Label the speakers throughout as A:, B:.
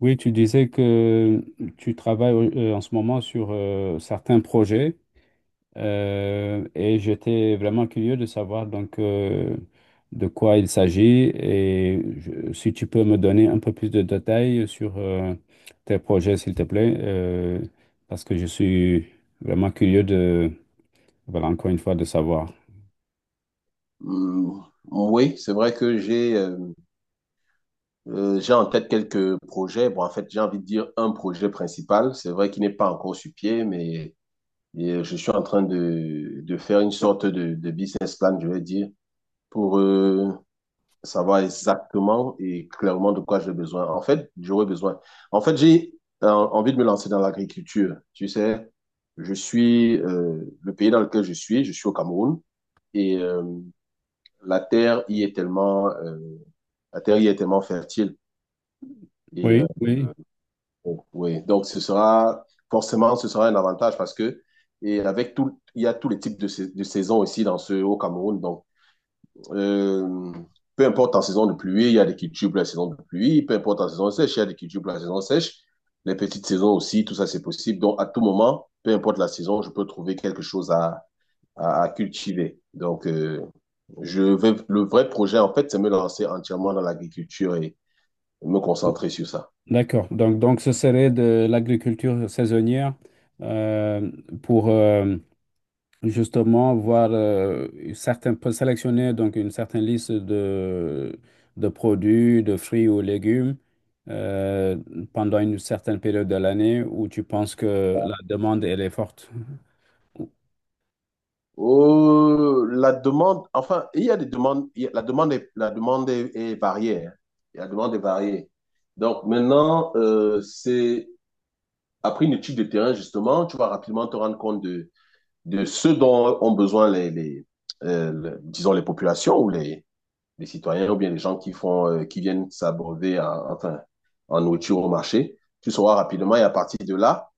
A: Oui, tu disais que tu travailles en ce moment sur certains projets et j'étais vraiment curieux de savoir donc de quoi il s'agit si tu peux me donner un peu plus de détails sur tes projets, s'il te plaît, parce que je suis vraiment curieux de, voilà, encore une fois, de savoir.
B: Hum, oui, c'est vrai que j'ai en tête quelques projets. Bon, en fait, j'ai envie de dire un projet principal. C'est vrai qu'il n'est pas encore sur pied, mais et je suis en train de faire une sorte de business plan, je vais dire, pour savoir exactement et clairement de quoi j'ai besoin. En fait, j'aurais besoin. En fait, j'ai envie de me lancer dans l'agriculture. Tu sais, je suis le pays dans lequel je suis au Cameroun, et la terre y est tellement, la terre y est tellement fertile. Et
A: Oui, oui.
B: oui, donc ce sera forcément ce sera un avantage parce que et avec tout, il y a tous les types de, de saisons ici dans ce au Cameroun. Donc euh, peu importe en saison de pluie, il y a des cultures pour la saison de pluie. Peu importe en saison sèche, il y a des cultures pour la saison sèche. Les petites saisons aussi, tout ça c'est possible. Donc à tout moment, peu importe la saison, je peux trouver quelque chose à cultiver. Donc le vrai projet en fait, c'est me lancer entièrement dans l'agriculture et me concentrer sur ça.
A: D'accord. Donc, ce serait de l'agriculture saisonnière euh, pour... justement voir certains, peut sélectionner donc une certaine liste de produits, de fruits ou légumes euh, pendant une certaine période de l'année où tu penses que la demande elle est forte.
B: La demande, enfin, il y a des demandes, il y a- la demande est, est variée, hein. La demande est variée. Donc maintenant, c'est après une étude de terrain, justement, tu vas rapidement te rendre compte de ce dont ont besoin les, disons, les populations ou des citoyens ou bien des gens qui font, qui viennent s'abreuver en nourriture au marché. Tu sauras rapidement et à partir de là,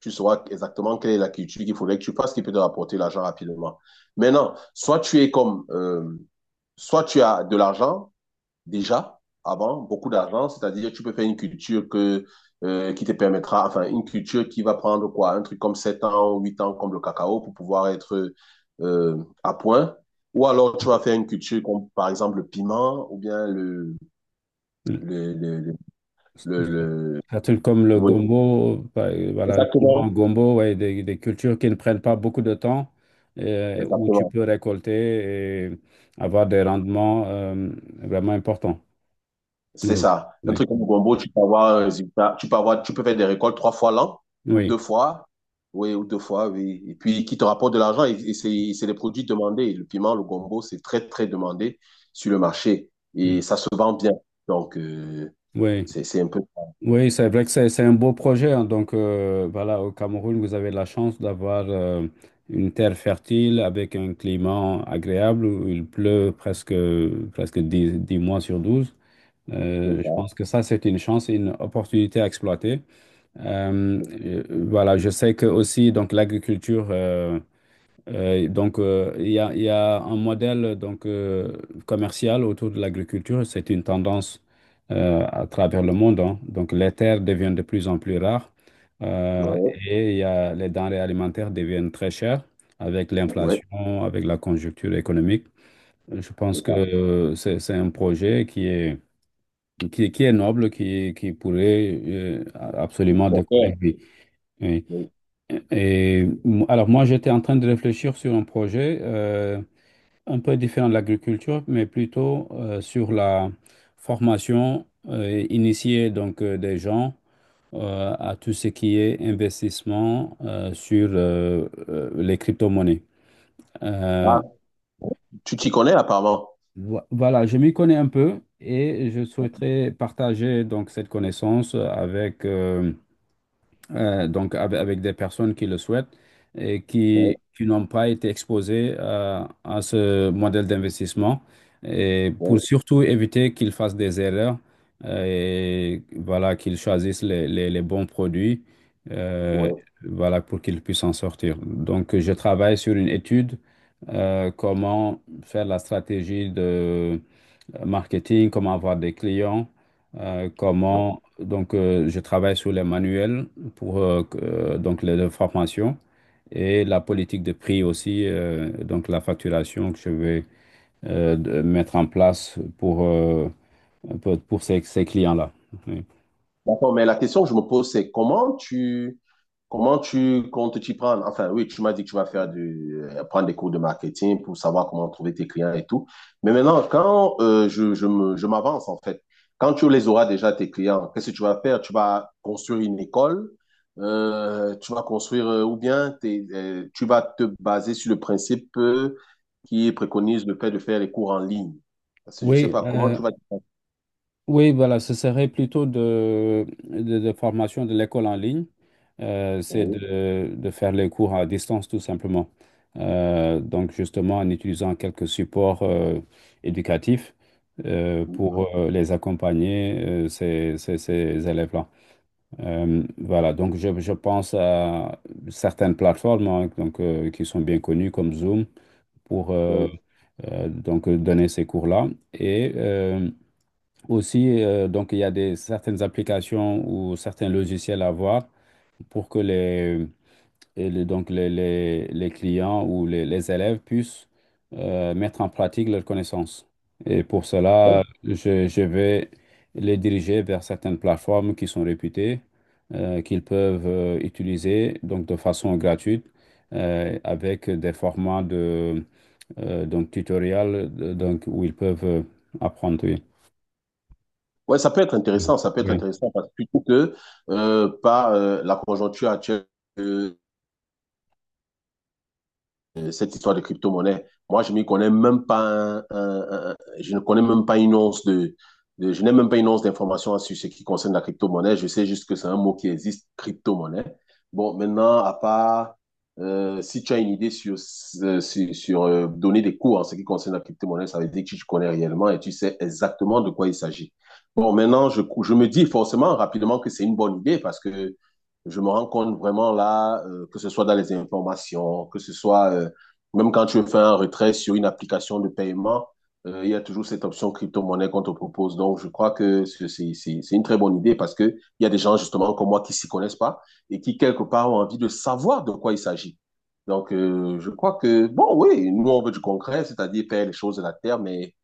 B: tu sauras exactement quelle est la culture qu'il faudrait que tu fasses, qui peut te rapporter l'argent rapidement. Maintenant, soit tu as de l'argent, déjà avant, beaucoup d'argent, c'est-à-dire tu peux faire une culture que, qui te permettra, enfin une culture qui va prendre, quoi, un truc comme 7 ans, ou 8 ans, comme le cacao, pour pouvoir être euh, à point. Ou alors tu vas faire une culture comme, par exemple, le piment ou bien
A: Le-
B: le, le, le...
A: Un comme le
B: Oui,
A: gombo, voilà, le piment
B: exactement.
A: gombo, ouais, des cultures qui ne prennent pas beaucoup de temps, où tu
B: Exactement.
A: peux récolter et avoir des rendements vraiment importants.
B: C'est
A: Oui,
B: ça. Un
A: oui,
B: truc comme le gombo, tu peux avoir un résultat, tu peux faire des récoltes trois fois l'an ou
A: oui,
B: deux fois. Oui, ou deux fois, oui. Et puis, qui te rapporte de l'argent, et c'est des produits demandés. Le piment, le gombo, c'est très, très demandé sur le marché. Et
A: oui.
B: ça se vend bien. Donc,
A: Oui.
B: c'est un peu
A: Oui, c'est vrai que c'est un beau projet, hein. Donc, voilà, au Cameroun, vous avez la chance d'avoir une terre fertile avec un climat agréable où il pleut presque 10 10 mois sur 12. Je pense
B: ça.
A: que ça, c'est une chance et une opportunité à exploiter. Euh, euh, voilà, je sais que aussi, donc, l'agriculture. Il y a un modèle donc, commercial autour de l'agriculture. C'est une tendance à travers le monde, hein. Donc, les terres deviennent de plus en plus rares euh,
B: Ouais,
A: et il y a, les denrées alimentaires deviennent très chères avec
B: ouais,
A: l'inflation, avec la conjoncture économique. Je
B: c'est
A: pense que
B: ça.
A: c'est un projet qui est, qui, est qui est noble, qui pourrait absolument décoller.
B: Bon,
A: Oui. Oui.
B: ouais.
A: Alors moi, j'étais en train de réfléchir sur un projet, un peu différent de l'agriculture, mais plutôt sur la formation et initier donc des gens à tout ce qui est investissement sur les crypto-monnaies. Euh,
B: Ah, tu t'y connais apparemment.
A: voilà, je m'y connais un peu et je souhaiterais partager donc cette connaissance avec donc avec des personnes qui le souhaitent et
B: Ouais,
A: qui n'ont pas été exposées à ce modèle d'investissement et pour
B: ouais,
A: surtout éviter qu'ils fassent des erreurs et voilà, qu'ils choisissent les bons produits, euh,
B: ouais.
A: voilà, pour qu'ils puissent en sortir. Donc, je travaille sur une étude, comment faire la stratégie marketing, comment avoir des clients,
B: Ouais.
A: comment... Donc, je travaille sur les manuels pour donc les formations et la politique de prix aussi, donc la facturation que je vais mettre en place pour ces, ces clients-là. Oui,
B: D'accord, mais la question que je me pose, c'est comment tu comptes t'y prendre? Enfin, oui, tu m'as dit que tu vas faire prendre des cours de marketing pour savoir comment trouver tes clients et tout. Mais maintenant, quand je m'avance, en fait, quand tu les auras déjà, tes clients, qu'est-ce que tu vas faire? Tu vas construire une école, tu vas construire, ou bien tu vas te baser sur le principe qui préconise le fait de faire les cours en ligne. Parce que je sais
A: Oui,
B: pas comment
A: euh,
B: tu vas t'y prendre.
A: Oui, voilà, ce serait plutôt de formation de l'école en ligne. C'est
B: Oui,
A: de faire les cours à distance, tout simplement. Donc, justement, en utilisant quelques supports éducatifs
B: oui,
A: pour les accompagner, ces, ces, ces élèves-là. Voilà, donc je pense à certaines plateformes, hein, donc, qui sont bien connues comme Zoom pour donner ces cours-là. Et, aussi, donc, il y a des, certaines applications ou certains logiciels à voir pour que les, donc les clients ou les élèves puissent mettre en pratique leurs connaissances. Et pour cela,
B: oui.
A: je vais les diriger vers certaines plateformes qui sont réputées, qu'ils peuvent utiliser donc de façon gratuite avec des formats de donc tutoriels donc, où ils peuvent apprendre.
B: Ouais, ça peut être
A: Oui.
B: intéressant, ça peut être
A: Oui.
B: intéressant, parce que plutôt que par la conjoncture actuelle, cette histoire de crypto-monnaie. Moi, je m'y connais même pas, je ne connais même pas une once je n'ai même pas une once d'information sur ce qui concerne la crypto-monnaie. Je sais juste que c'est un mot qui existe, crypto-monnaie. Bon, maintenant, à part, si tu as une idée sur, donner des cours en ce qui concerne la crypto-monnaie, ça veut dire que tu connais réellement et tu sais exactement de quoi il s'agit. Bon, maintenant, je me dis forcément rapidement que c'est une bonne idée, parce que je me rends compte vraiment là, que ce soit dans les informations, que ce soit, même quand tu fais un retrait sur une application de paiement, il y a toujours cette option crypto-monnaie qu'on te propose. Donc, je crois que c'est une très bonne idée, parce que il y a des gens, justement, comme moi, qui s'y connaissent pas et qui, quelque part, ont envie de savoir de quoi il s'agit. Donc, je crois que, bon, oui, nous, on veut du concret, c'est-à-dire faire les choses de la terre, mais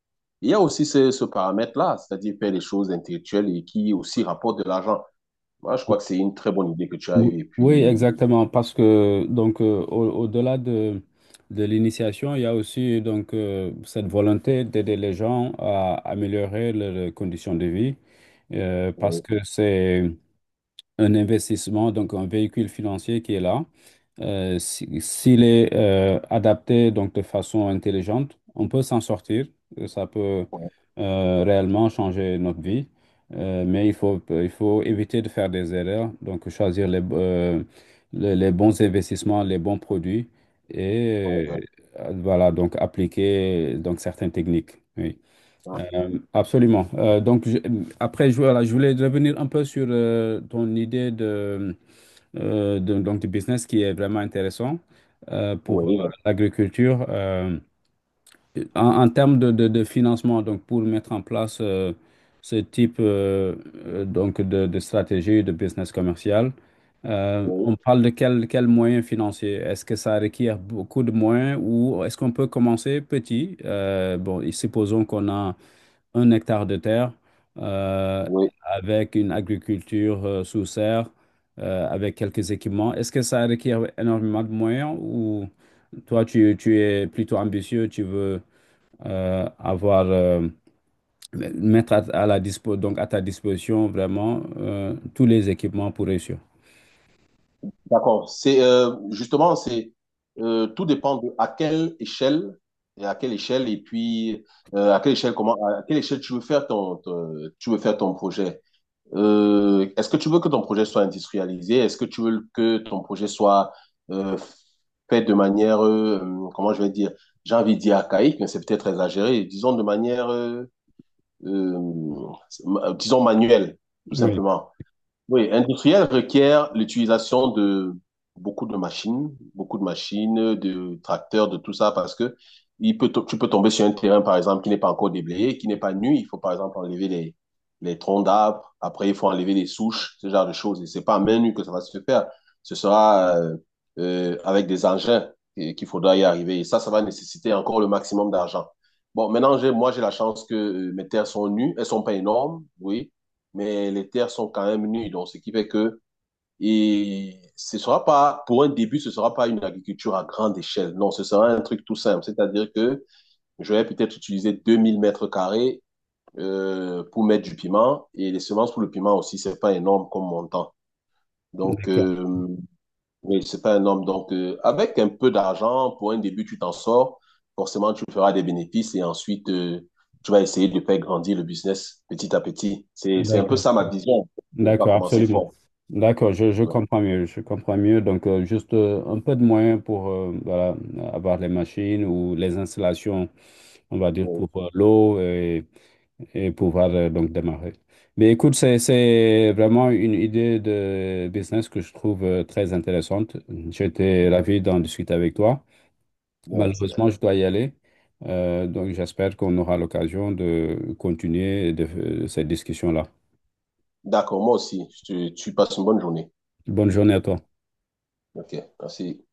B: il y a aussi ce paramètre-là, c'est-à-dire faire les choses intellectuelles et qui aussi rapportent de l'argent. Moi, je crois que c'est une très bonne idée que tu as eue. Et
A: Oui,
B: puis,
A: exactement, parce que donc au-delà de l'initiation, il y a aussi donc cette volonté d'aider les gens à améliorer leurs conditions de vie, parce
B: oui,
A: que c'est un investissement, donc un véhicule financier qui est là. S'il est adapté donc de façon intelligente, on peut s'en sortir. Ça peut
B: oui,
A: réellement changer notre vie. Mais il faut éviter de faire des erreurs, donc choisir les bons investissements, les bons produits
B: oui,
A: et voilà, donc appliquer donc certaines techniques. Oui. Absolument. Après, je, voilà, je voulais revenir un peu sur ton idée de donc du business qui est vraiment intéressant pour
B: oui, oui,
A: l'agriculture, en, en termes de, de financement, donc pour mettre en place ce type donc de stratégie de business commercial,
B: oui,
A: on parle de quel moyens financiers? Est-ce que ça requiert beaucoup de moyens ou est-ce qu'on peut commencer petit? Bon, et supposons qu'on a un hectare de terre euh,
B: oui.
A: avec une agriculture sous serre, avec quelques équipements. Est-ce que ça requiert énormément de moyens ou toi, tu es plutôt ambitieux, tu veux avoir, mettre à la dispo, donc à ta disposition vraiment tous les équipements pour réussir?
B: D'accord. C'est, justement, c'est tout dépend de à quelle échelle et à quelle échelle, et puis à quelle échelle, comment, à quelle échelle tu veux faire ton, tu veux faire ton projet. Est-ce que tu veux que ton projet soit industrialisé? Est-ce que tu veux que ton projet soit euh, fait de manière, comment je vais dire? J'ai envie de dire archaïque, mais c'est peut-être exagéré. Disons de manière, euh, disons manuelle, tout
A: Oui,
B: simplement. Oui, industriel requiert l'utilisation de beaucoup de machines, de tracteurs, de tout ça, parce que tu peux tomber sur un terrain, par exemple, qui n'est pas encore déblayé, qui n'est pas nu. Il faut, par exemple, enlever les troncs d'arbres. Après, il faut enlever les souches, ce genre de choses. Et c'est pas à main nue que ça va se faire. Ce sera, avec des engins, qu'il faudra y arriver. Et ça va nécessiter encore le maximum d'argent. Bon, maintenant, moi, j'ai la chance que mes terres sont nues. Elles sont pas énormes, oui, mais les terres sont quand même nues. Donc, ce qui fait que, et ce sera pas, pour un début, ce sera pas une agriculture à grande échelle. Non, ce sera un truc tout simple. C'est-à-dire que je vais peut-être utiliser 2 000 m² pour mettre du piment, et les semences pour le piment aussi, c'est pas énorme comme montant. Donc,
A: d'accord,
B: oui, c'est pas un homme. Donc, avec un peu d'argent, pour un début, tu t'en sors. Forcément, tu feras des bénéfices et ensuite, tu vas essayer de faire grandir le business petit à petit. C'est un peu
A: d'accord.
B: ça, ma vision. Je ne vais
A: D'accord,
B: pas
A: voilà,
B: commencer
A: absolument.
B: fort.
A: D'accord, je
B: Ouais,
A: comprends mieux, je comprends mieux. Donc, juste un peu de moyens pour voilà, avoir les machines ou les installations, on va dire,
B: ouais,
A: pour l'eau et pouvoir donc démarrer. Mais écoute, c'est vraiment une idée de business que je trouve très intéressante. J'étais
B: ouais.
A: ravi d'en discuter avec toi.
B: Moi aussi, hein.
A: Malheureusement, je dois y aller. Donc, j'espère qu'on aura l'occasion de continuer de, cette discussion-là.
B: D'accord, moi aussi. Tu passes une bonne journée.
A: Bonne journée à toi.
B: OK, merci.